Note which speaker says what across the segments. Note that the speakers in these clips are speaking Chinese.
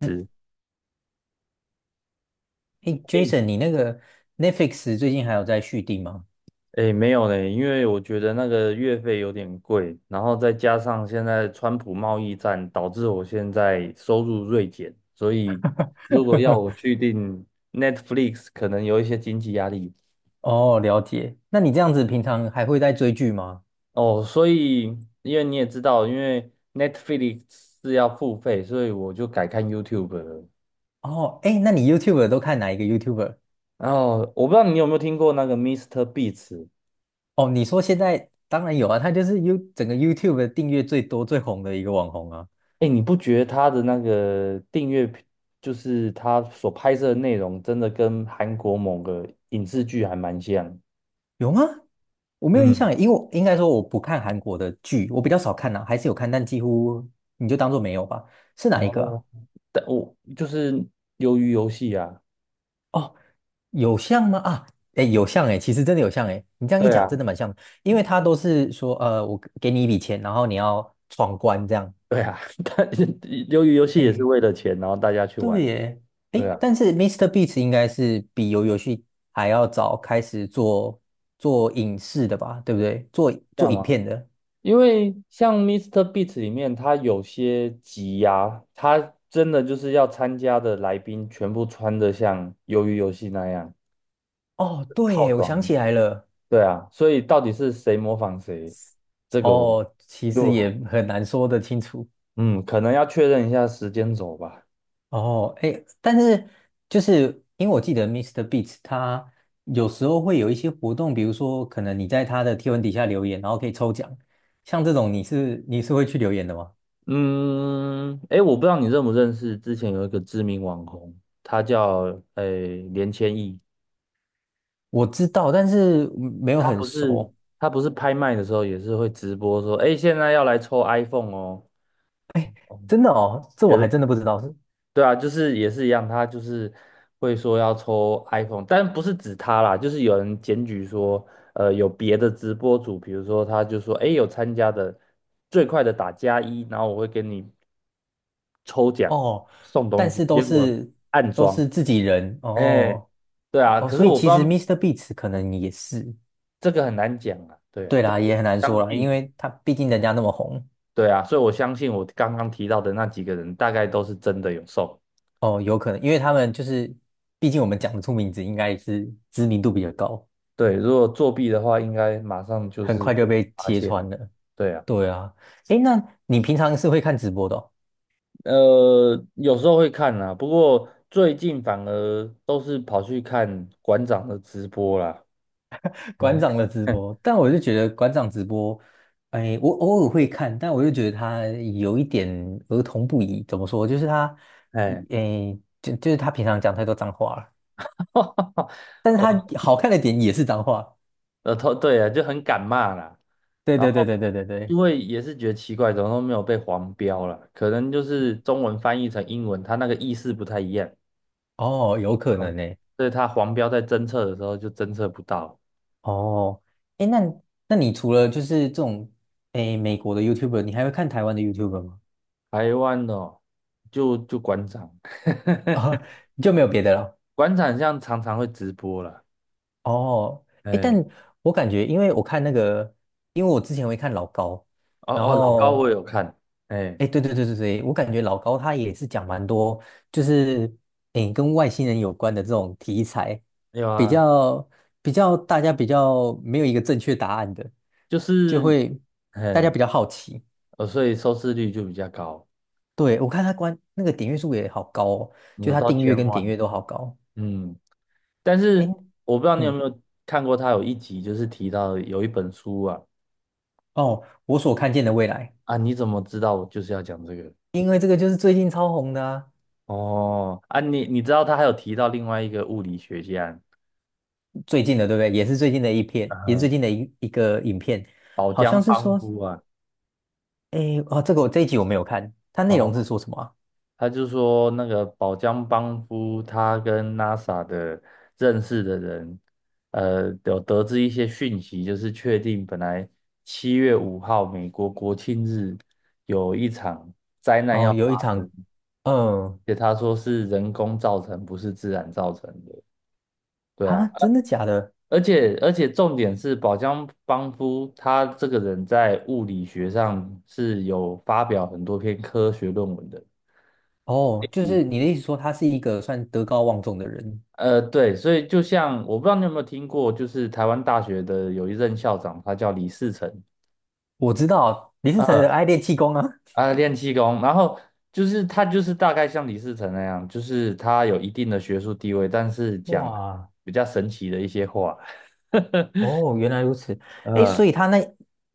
Speaker 1: 嗯，
Speaker 2: 是，
Speaker 1: 诶
Speaker 2: 诶
Speaker 1: ，Jason，你那个 Netflix 最近还有在续订吗？
Speaker 2: 诶，没有嘞，因为我觉得那个月费有点贵，然后再加上现在川普贸易战，导致我现在收入锐减，所以如果要我去订 Netflix，可能有一些经济压力
Speaker 1: 哦，了解。那你这样子平常还会在追剧吗？
Speaker 2: 哦。所以，因为你也知道，因为 Netflix 是要付费，所以我就改看 YouTube 了。
Speaker 1: 哦，哎，那你 y o u t u b e 都看哪一个 YouTuber？
Speaker 2: 然后我不知道你有没有听过那个 Mr. Beats。
Speaker 1: 哦，你说现在当然有啊，他就是 You 整个 YouTube 的订阅最多最红的一个网红啊。
Speaker 2: 哎，你不觉得他的那个订阅频就是他所拍摄的内容，真的跟韩国某个影视剧还蛮像？
Speaker 1: 有吗？我没有印
Speaker 2: 嗯，
Speaker 1: 象耶，因为我应该说我不看韩国的剧，我比较少看啊，还是有看，但几乎你就当做没有吧。是哪一个啊？
Speaker 2: 哦，但我就是鱿鱼游戏啊。
Speaker 1: 哦。有像吗？啊，哎，有像哎，其实真的有像哎，你这样一
Speaker 2: 对
Speaker 1: 讲，真
Speaker 2: 啊，
Speaker 1: 的蛮像的。因为他都是说，我给你一笔钱，然后你要闯关这样。
Speaker 2: 对啊，但鱿鱼游戏也是
Speaker 1: 哎，
Speaker 2: 为了钱，然后大家去玩，
Speaker 1: 对耶，
Speaker 2: 对
Speaker 1: 哎，
Speaker 2: 啊。
Speaker 1: 但是 Mr. Beast 应该是比游戏还要早开始做影视的吧，对不对？做
Speaker 2: 这
Speaker 1: 做
Speaker 2: 样
Speaker 1: 影
Speaker 2: 吗？
Speaker 1: 片的。
Speaker 2: 因为像 Mr. Beast 里面，他有些集呀、他真的就是要参加的来宾全部穿的像鱿鱼游戏那样
Speaker 1: 哦，对
Speaker 2: 套
Speaker 1: 耶，我
Speaker 2: 装。
Speaker 1: 想起来了。
Speaker 2: 对啊，所以到底是谁模仿谁，这个我
Speaker 1: 哦，其实
Speaker 2: 就
Speaker 1: 也很难说得清楚。
Speaker 2: 嗯，可能要确认一下时间轴吧。
Speaker 1: 哦，哎，但是就是因为我记得 Mr. Beats 他有时候会有一些活动，比如说可能你在他的贴文底下留言，然后可以抽奖。像这种你是会去留言的吗？
Speaker 2: 嗯，哎，我不知道你认不认识，之前有一个知名网红，他叫诶连千亿，
Speaker 1: 我知道，但是没有
Speaker 2: 他
Speaker 1: 很
Speaker 2: 不是
Speaker 1: 熟。
Speaker 2: 他不是拍卖的时候也是会直播说，哎，现在要来抽 iPhone 哦。哦，
Speaker 1: 真的哦，这
Speaker 2: 绝
Speaker 1: 我还
Speaker 2: 对。
Speaker 1: 真的不知道是。
Speaker 2: 对啊，就是也是一样，他就是会说要抽 iPhone，但不是指他啦，就是有人检举说，有别的直播主，比如说他就说，哎，有参加的最快的打加一，然后我会给你，
Speaker 1: 哦，但是都
Speaker 2: 结果
Speaker 1: 是
Speaker 2: 暗
Speaker 1: 都
Speaker 2: 装。
Speaker 1: 是自己人
Speaker 2: 哎，
Speaker 1: 哦。
Speaker 2: 对啊，
Speaker 1: 哦，
Speaker 2: 可是
Speaker 1: 所以
Speaker 2: 我不知
Speaker 1: 其实
Speaker 2: 道，
Speaker 1: Mr. Beats 可能也是。
Speaker 2: 这个很难讲啊。对啊，
Speaker 1: 对
Speaker 2: 但
Speaker 1: 啦，
Speaker 2: 是
Speaker 1: 也很
Speaker 2: 我
Speaker 1: 难
Speaker 2: 相
Speaker 1: 说啦，因
Speaker 2: 信。
Speaker 1: 为他毕竟人家那么红。
Speaker 2: 对啊，所以我相信我刚刚提到的那几个人大概都是真的有送。
Speaker 1: 哦，有可能，因为他们就是，毕竟我们讲得出名字，应该是知名度比较高，
Speaker 2: 对，如果作弊的话，应该马上就
Speaker 1: 很
Speaker 2: 是
Speaker 1: 快就
Speaker 2: 会被
Speaker 1: 被
Speaker 2: 发
Speaker 1: 揭
Speaker 2: 现。
Speaker 1: 穿了。
Speaker 2: 对啊。
Speaker 1: 对啊，诶，那你平常是会看直播的哦。
Speaker 2: 有时候会看啦，不过最近反而都是跑去看馆长的直播啦。嗯。
Speaker 1: 馆长的直播，但我就觉得馆长直播，哎，我偶尔会看，但我就觉得他有一点儿童不宜。怎么说？就是他，
Speaker 2: 哎，
Speaker 1: 哎，就是他平常讲太多脏话了，但是他
Speaker 2: 我
Speaker 1: 好看的点也是脏话。
Speaker 2: 头对啊，就很敢骂啦。
Speaker 1: 对
Speaker 2: 然
Speaker 1: 对对对
Speaker 2: 后
Speaker 1: 对对对。
Speaker 2: 因为也是觉得奇怪，怎么都没有被黄标啦，可能就是中文翻译成英文，它那个意思不太一样。
Speaker 1: 哦，有可
Speaker 2: 嗯，
Speaker 1: 能呢。
Speaker 2: 所以它黄标在侦测的时候就侦测不到。
Speaker 1: 哦，哎，那你除了就是这种哎美国的 YouTuber，你还会看台湾的 YouTuber 吗？
Speaker 2: 台湾哦，就馆长。
Speaker 1: 哦，你就没有别的了。
Speaker 2: 馆长像常常会直播啦。
Speaker 1: 哦，哎，但
Speaker 2: 哎。
Speaker 1: 我感觉，因为我看那个，因为我之前会看老高。
Speaker 2: 哦
Speaker 1: 然
Speaker 2: 哦，老高
Speaker 1: 后
Speaker 2: 我有看。哎，
Speaker 1: 哎，诶对对对对对，我感觉老高他也是讲蛮多，就是哎跟外星人有关的这种题材，
Speaker 2: 有
Speaker 1: 比
Speaker 2: 啊，
Speaker 1: 较比较大家比较没有一个正确答案的，
Speaker 2: 就
Speaker 1: 就
Speaker 2: 是，
Speaker 1: 会大家
Speaker 2: 哎，
Speaker 1: 比较好奇。
Speaker 2: 所以收视率就比较高，
Speaker 1: 对，我看他关那个点阅数也好高哦，就
Speaker 2: 有
Speaker 1: 他
Speaker 2: 到
Speaker 1: 订阅
Speaker 2: 千
Speaker 1: 跟点
Speaker 2: 万。
Speaker 1: 阅都好高。
Speaker 2: 嗯，但
Speaker 1: 哎，
Speaker 2: 是我不知道你有没
Speaker 1: 嗯，
Speaker 2: 有看过，他有一集就是提到有一本书啊。
Speaker 1: 哦，我所看见的未来，
Speaker 2: 啊，你怎么知道我就是要讲这个？
Speaker 1: 因为这个就是最近超红的啊。
Speaker 2: 哦，啊，你知道他还有提到另外一个物理学家，
Speaker 1: 最近的对不对？也是最近的一篇，也是最
Speaker 2: 呃，
Speaker 1: 近的一个影片。
Speaker 2: 宝
Speaker 1: 好
Speaker 2: 江
Speaker 1: 像是
Speaker 2: 邦
Speaker 1: 说，
Speaker 2: 夫啊。
Speaker 1: 哎，哦，这个我这一集我没有看，它内容是
Speaker 2: 哦。
Speaker 1: 说什么啊。
Speaker 2: 他就说那个宝江邦夫他跟 NASA 的认识的人，有得知一些讯息，就是确定本来7月5日美国国庆日有一场灾难要
Speaker 1: 哦，
Speaker 2: 发
Speaker 1: 有一场，
Speaker 2: 生，
Speaker 1: 嗯，
Speaker 2: 而且他说是人工造成，不是自然造成的。对啊，
Speaker 1: 啊，真的假的？
Speaker 2: 而且重点是宝江邦夫他这个人在物理学上是有发表很多篇科学论文的。
Speaker 1: 哦，就是你的意思说他是一个算德高望重的人。
Speaker 2: 对，所以就像我不知道你有没有听过，就是台湾大学的有一任校长，他叫李世成。
Speaker 1: 我知道林思成的
Speaker 2: 呃
Speaker 1: 爱练气功啊。
Speaker 2: 啊，练气功。然后就是他就是大概像李世成那样，就是他有一定的学术地位，但是讲
Speaker 1: 哇，
Speaker 2: 比较神奇的一些话。
Speaker 1: 哦，原来如此。哎，
Speaker 2: 呃
Speaker 1: 所以他那，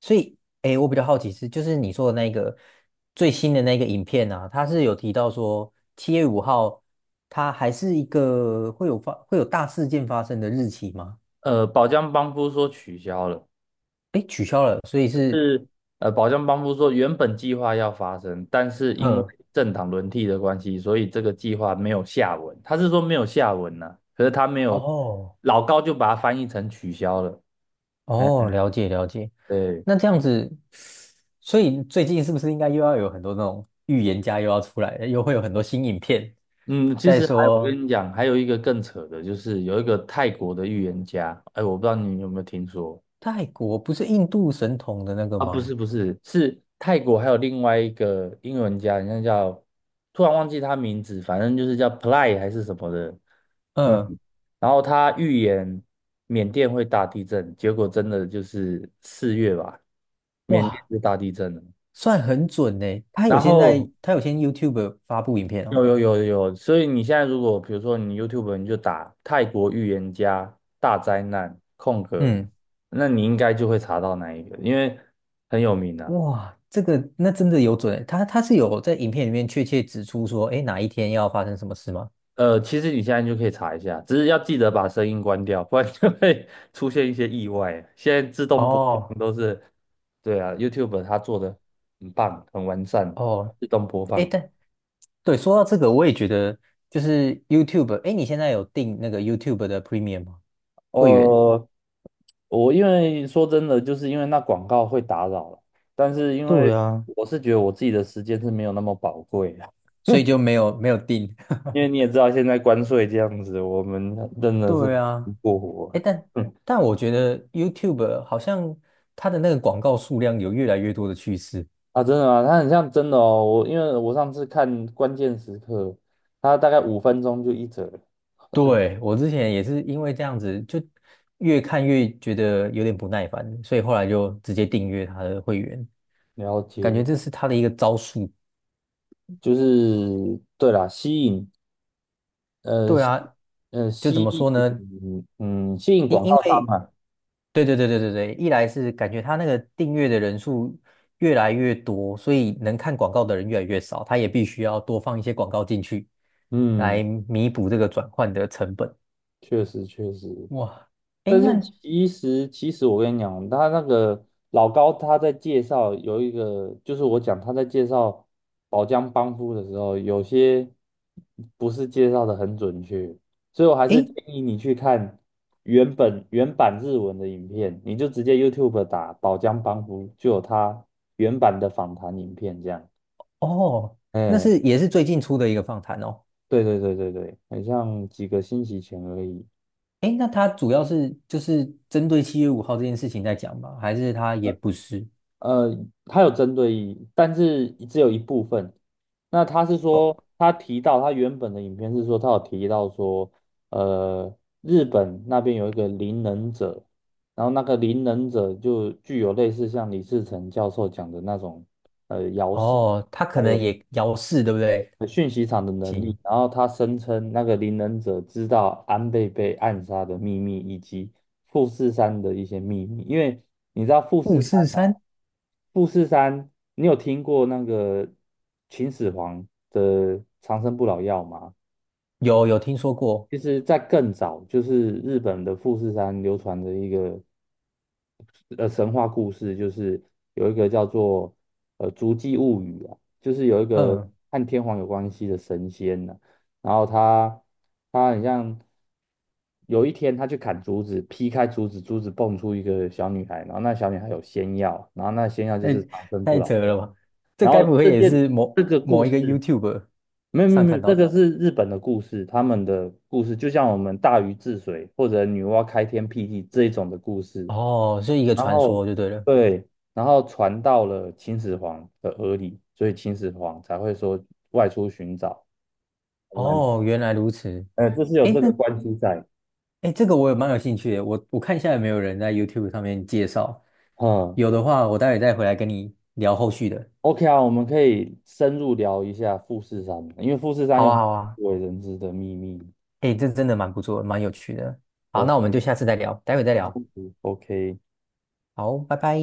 Speaker 1: 所以哎，诶我比较好奇是，就是你说的那个最新的那个影片啊，他是有提到说七月五号，它还是一个会有发会有大事件发生的日期吗？
Speaker 2: 宝江帮夫说取消了。
Speaker 1: 嗯，
Speaker 2: 宝江帮夫说原本计划要发生，但是因为政党轮替的关系，所以这个计划没有下文，他是说没有下文呢、可是他没有，
Speaker 1: 哦
Speaker 2: 老高就把它翻译成取消了。哎，
Speaker 1: 哦，了解了解。
Speaker 2: 对。
Speaker 1: 那这样子，所以最近是不是应该又要有很多那种预言家又要出来了，又会有很多新影片
Speaker 2: 嗯，其
Speaker 1: 在
Speaker 2: 实还有我
Speaker 1: 说？
Speaker 2: 跟你讲，还有一个更扯的，就是有一个泰国的预言家。哎，我不知道你有没有听说。
Speaker 1: 泰国不是印度神童的那个
Speaker 2: 啊？不
Speaker 1: 吗？
Speaker 2: 是不是，是泰国还有另外一个英文家，人家叫，突然忘记他名字，反正就是叫 Ply a 还是什么的。嗯，
Speaker 1: 嗯，
Speaker 2: 然后他预言缅甸会大地震，结果真的就是四月吧，缅甸
Speaker 1: 哇，
Speaker 2: 就大地震了。
Speaker 1: 算很准呢。他有
Speaker 2: 然
Speaker 1: 先
Speaker 2: 后
Speaker 1: 在，他有先 YouTube 发布影片
Speaker 2: 有
Speaker 1: 哦。
Speaker 2: 有有有，所以你现在如果比如说你 YouTube 你就打泰国预言家大灾难空格，
Speaker 1: 嗯，
Speaker 2: 那你应该就会查到那一个，因为很有名的、
Speaker 1: 哇，这个那真的有准欸，他他是有在影片里面确切指出说，哎，哪一天要发生什么事吗？
Speaker 2: 其实你现在就可以查一下，只是要记得把声音关掉，不然就会 出现一些意外啊。现在自动播
Speaker 1: 哦
Speaker 2: 放都是，对啊，YouTube 它做的很棒，很完善，
Speaker 1: 哦，
Speaker 2: 自动播
Speaker 1: 哎，
Speaker 2: 放。
Speaker 1: 但对，说到这个，我也觉得就是 YouTube，哎，你现在有订那个 YouTube 的 Premium 吗？会员。
Speaker 2: 哦、我因为说真的，就是因为那广告会打扰了，但是因
Speaker 1: 对
Speaker 2: 为
Speaker 1: 啊，
Speaker 2: 我是觉得我自己的时间是没有那么宝贵的。
Speaker 1: 所以就 没有没有订。
Speaker 2: 因为你也 知道现在关税这样子，我们真的是
Speaker 1: 对
Speaker 2: 不
Speaker 1: 啊，
Speaker 2: 过活
Speaker 1: 哎，
Speaker 2: 了。
Speaker 1: 但
Speaker 2: 嗯
Speaker 1: 但我觉得 YouTube 好像它的那个广告数量有越来越多的趋势。
Speaker 2: 啊，真的啊，它很像真的哦。我因为我上次看关键时刻，它大概5分钟就一折了。
Speaker 1: 对，我之前也是因为这样子，就越看越觉得有点不耐烦，所以后来就直接订阅他的会员，
Speaker 2: 了
Speaker 1: 感觉
Speaker 2: 解，
Speaker 1: 这是他的一个招数。
Speaker 2: 就是对啦，呃
Speaker 1: 对
Speaker 2: 吸
Speaker 1: 啊，
Speaker 2: 呃
Speaker 1: 就怎
Speaker 2: 吸
Speaker 1: 么说呢？
Speaker 2: 引嗯吸引广
Speaker 1: 因因
Speaker 2: 告商
Speaker 1: 为
Speaker 2: 嘛。
Speaker 1: 对对对对对对，一来是感觉他那个订阅的人数越来越多，所以能看广告的人越来越少，他也必须要多放一些广告进去，来
Speaker 2: 嗯，
Speaker 1: 弥补这个转换的成本。
Speaker 2: 确实确实。
Speaker 1: 哇，诶，
Speaker 2: 但是
Speaker 1: 那
Speaker 2: 其实我跟你讲，他那个老高他在介绍有一个，就是我讲他在介绍宝江帮夫的时候，有些不是介绍的很准确，所以我还是
Speaker 1: 诶，
Speaker 2: 建议你去看原版日文的影片，你就直接 YouTube 打宝江帮夫，就有他原版的访谈影片这样。
Speaker 1: 哦，那
Speaker 2: 哎，
Speaker 1: 是也是最近出的一个访谈哦。
Speaker 2: 对对对对对，很像几个星期前而已。
Speaker 1: 哎，那它主要是就是针对七月五号这件事情在讲吗？还是它也不是？
Speaker 2: 呃，他有针对，意义，但是只有一部分。那他是
Speaker 1: 哦
Speaker 2: 说，他提到他原本的影片是说，他有提到说，呃，日本那边有一个灵能者，然后那个灵能者就具有类似像李自成教授讲的那种，呃，
Speaker 1: 哦，它可
Speaker 2: 还
Speaker 1: 能
Speaker 2: 有。
Speaker 1: 也遥四，对不对？
Speaker 2: 讯息场的能力，
Speaker 1: 行，
Speaker 2: 然后他声称那个灵能者知道安倍被暗杀的秘密以及富士山的一些秘密，因为你知道富
Speaker 1: 五
Speaker 2: 士山
Speaker 1: 四
Speaker 2: 啊，
Speaker 1: 三，
Speaker 2: 富士山，你有听过那个秦始皇的长生不老药吗？
Speaker 1: 有有听说过。
Speaker 2: 其实，在更早，就是日本的富士山流传着一个神话故事，就是有一个叫做《足迹物语》啊，就是有一个
Speaker 1: 嗯，
Speaker 2: 和天皇有关系的神仙呢、然后他很像有一天他去砍竹子，劈开竹子，竹子蹦出一个小女孩，然后那小女孩有仙药，然后那仙药就
Speaker 1: 太
Speaker 2: 是长生不
Speaker 1: 太
Speaker 2: 老
Speaker 1: 扯了
Speaker 2: 药。
Speaker 1: 吧？这
Speaker 2: 然
Speaker 1: 该不
Speaker 2: 后
Speaker 1: 会
Speaker 2: 这
Speaker 1: 也
Speaker 2: 件
Speaker 1: 是
Speaker 2: 这
Speaker 1: 某
Speaker 2: 个故
Speaker 1: 某一个
Speaker 2: 事
Speaker 1: YouTube
Speaker 2: 没有没有
Speaker 1: 上
Speaker 2: 没有，
Speaker 1: 看到
Speaker 2: 这
Speaker 1: 的？
Speaker 2: 个是日本的故事，他们的故事就像我们大禹治水或者女娲开天辟地这一种的故事。
Speaker 1: 哦，是一个
Speaker 2: 然
Speaker 1: 传
Speaker 2: 后
Speaker 1: 说就对了。
Speaker 2: 对，然后传到了秦始皇的耳里，所以秦始皇才会说外出寻找东南，
Speaker 1: 哦，原来如此。
Speaker 2: 呃，这是有
Speaker 1: 哎，
Speaker 2: 这
Speaker 1: 那
Speaker 2: 个关系在。
Speaker 1: 哎，诶这个我也蛮有兴趣的，我我看一下有没有人在 YouTube 上面介绍，
Speaker 2: 嗯
Speaker 1: 有的话我待会再回来跟你聊后续的。
Speaker 2: ，OK 啊，我们可以深入聊一下富士山，因为富士山
Speaker 1: 好
Speaker 2: 有
Speaker 1: 啊，好啊。
Speaker 2: 不为人知的秘密。
Speaker 1: 哎，这真的蛮不错，蛮有趣的。好，那
Speaker 2: OK，
Speaker 1: 我们就下次再聊，待会再
Speaker 2: 没
Speaker 1: 聊。
Speaker 2: 问题。OK。
Speaker 1: 好，拜拜。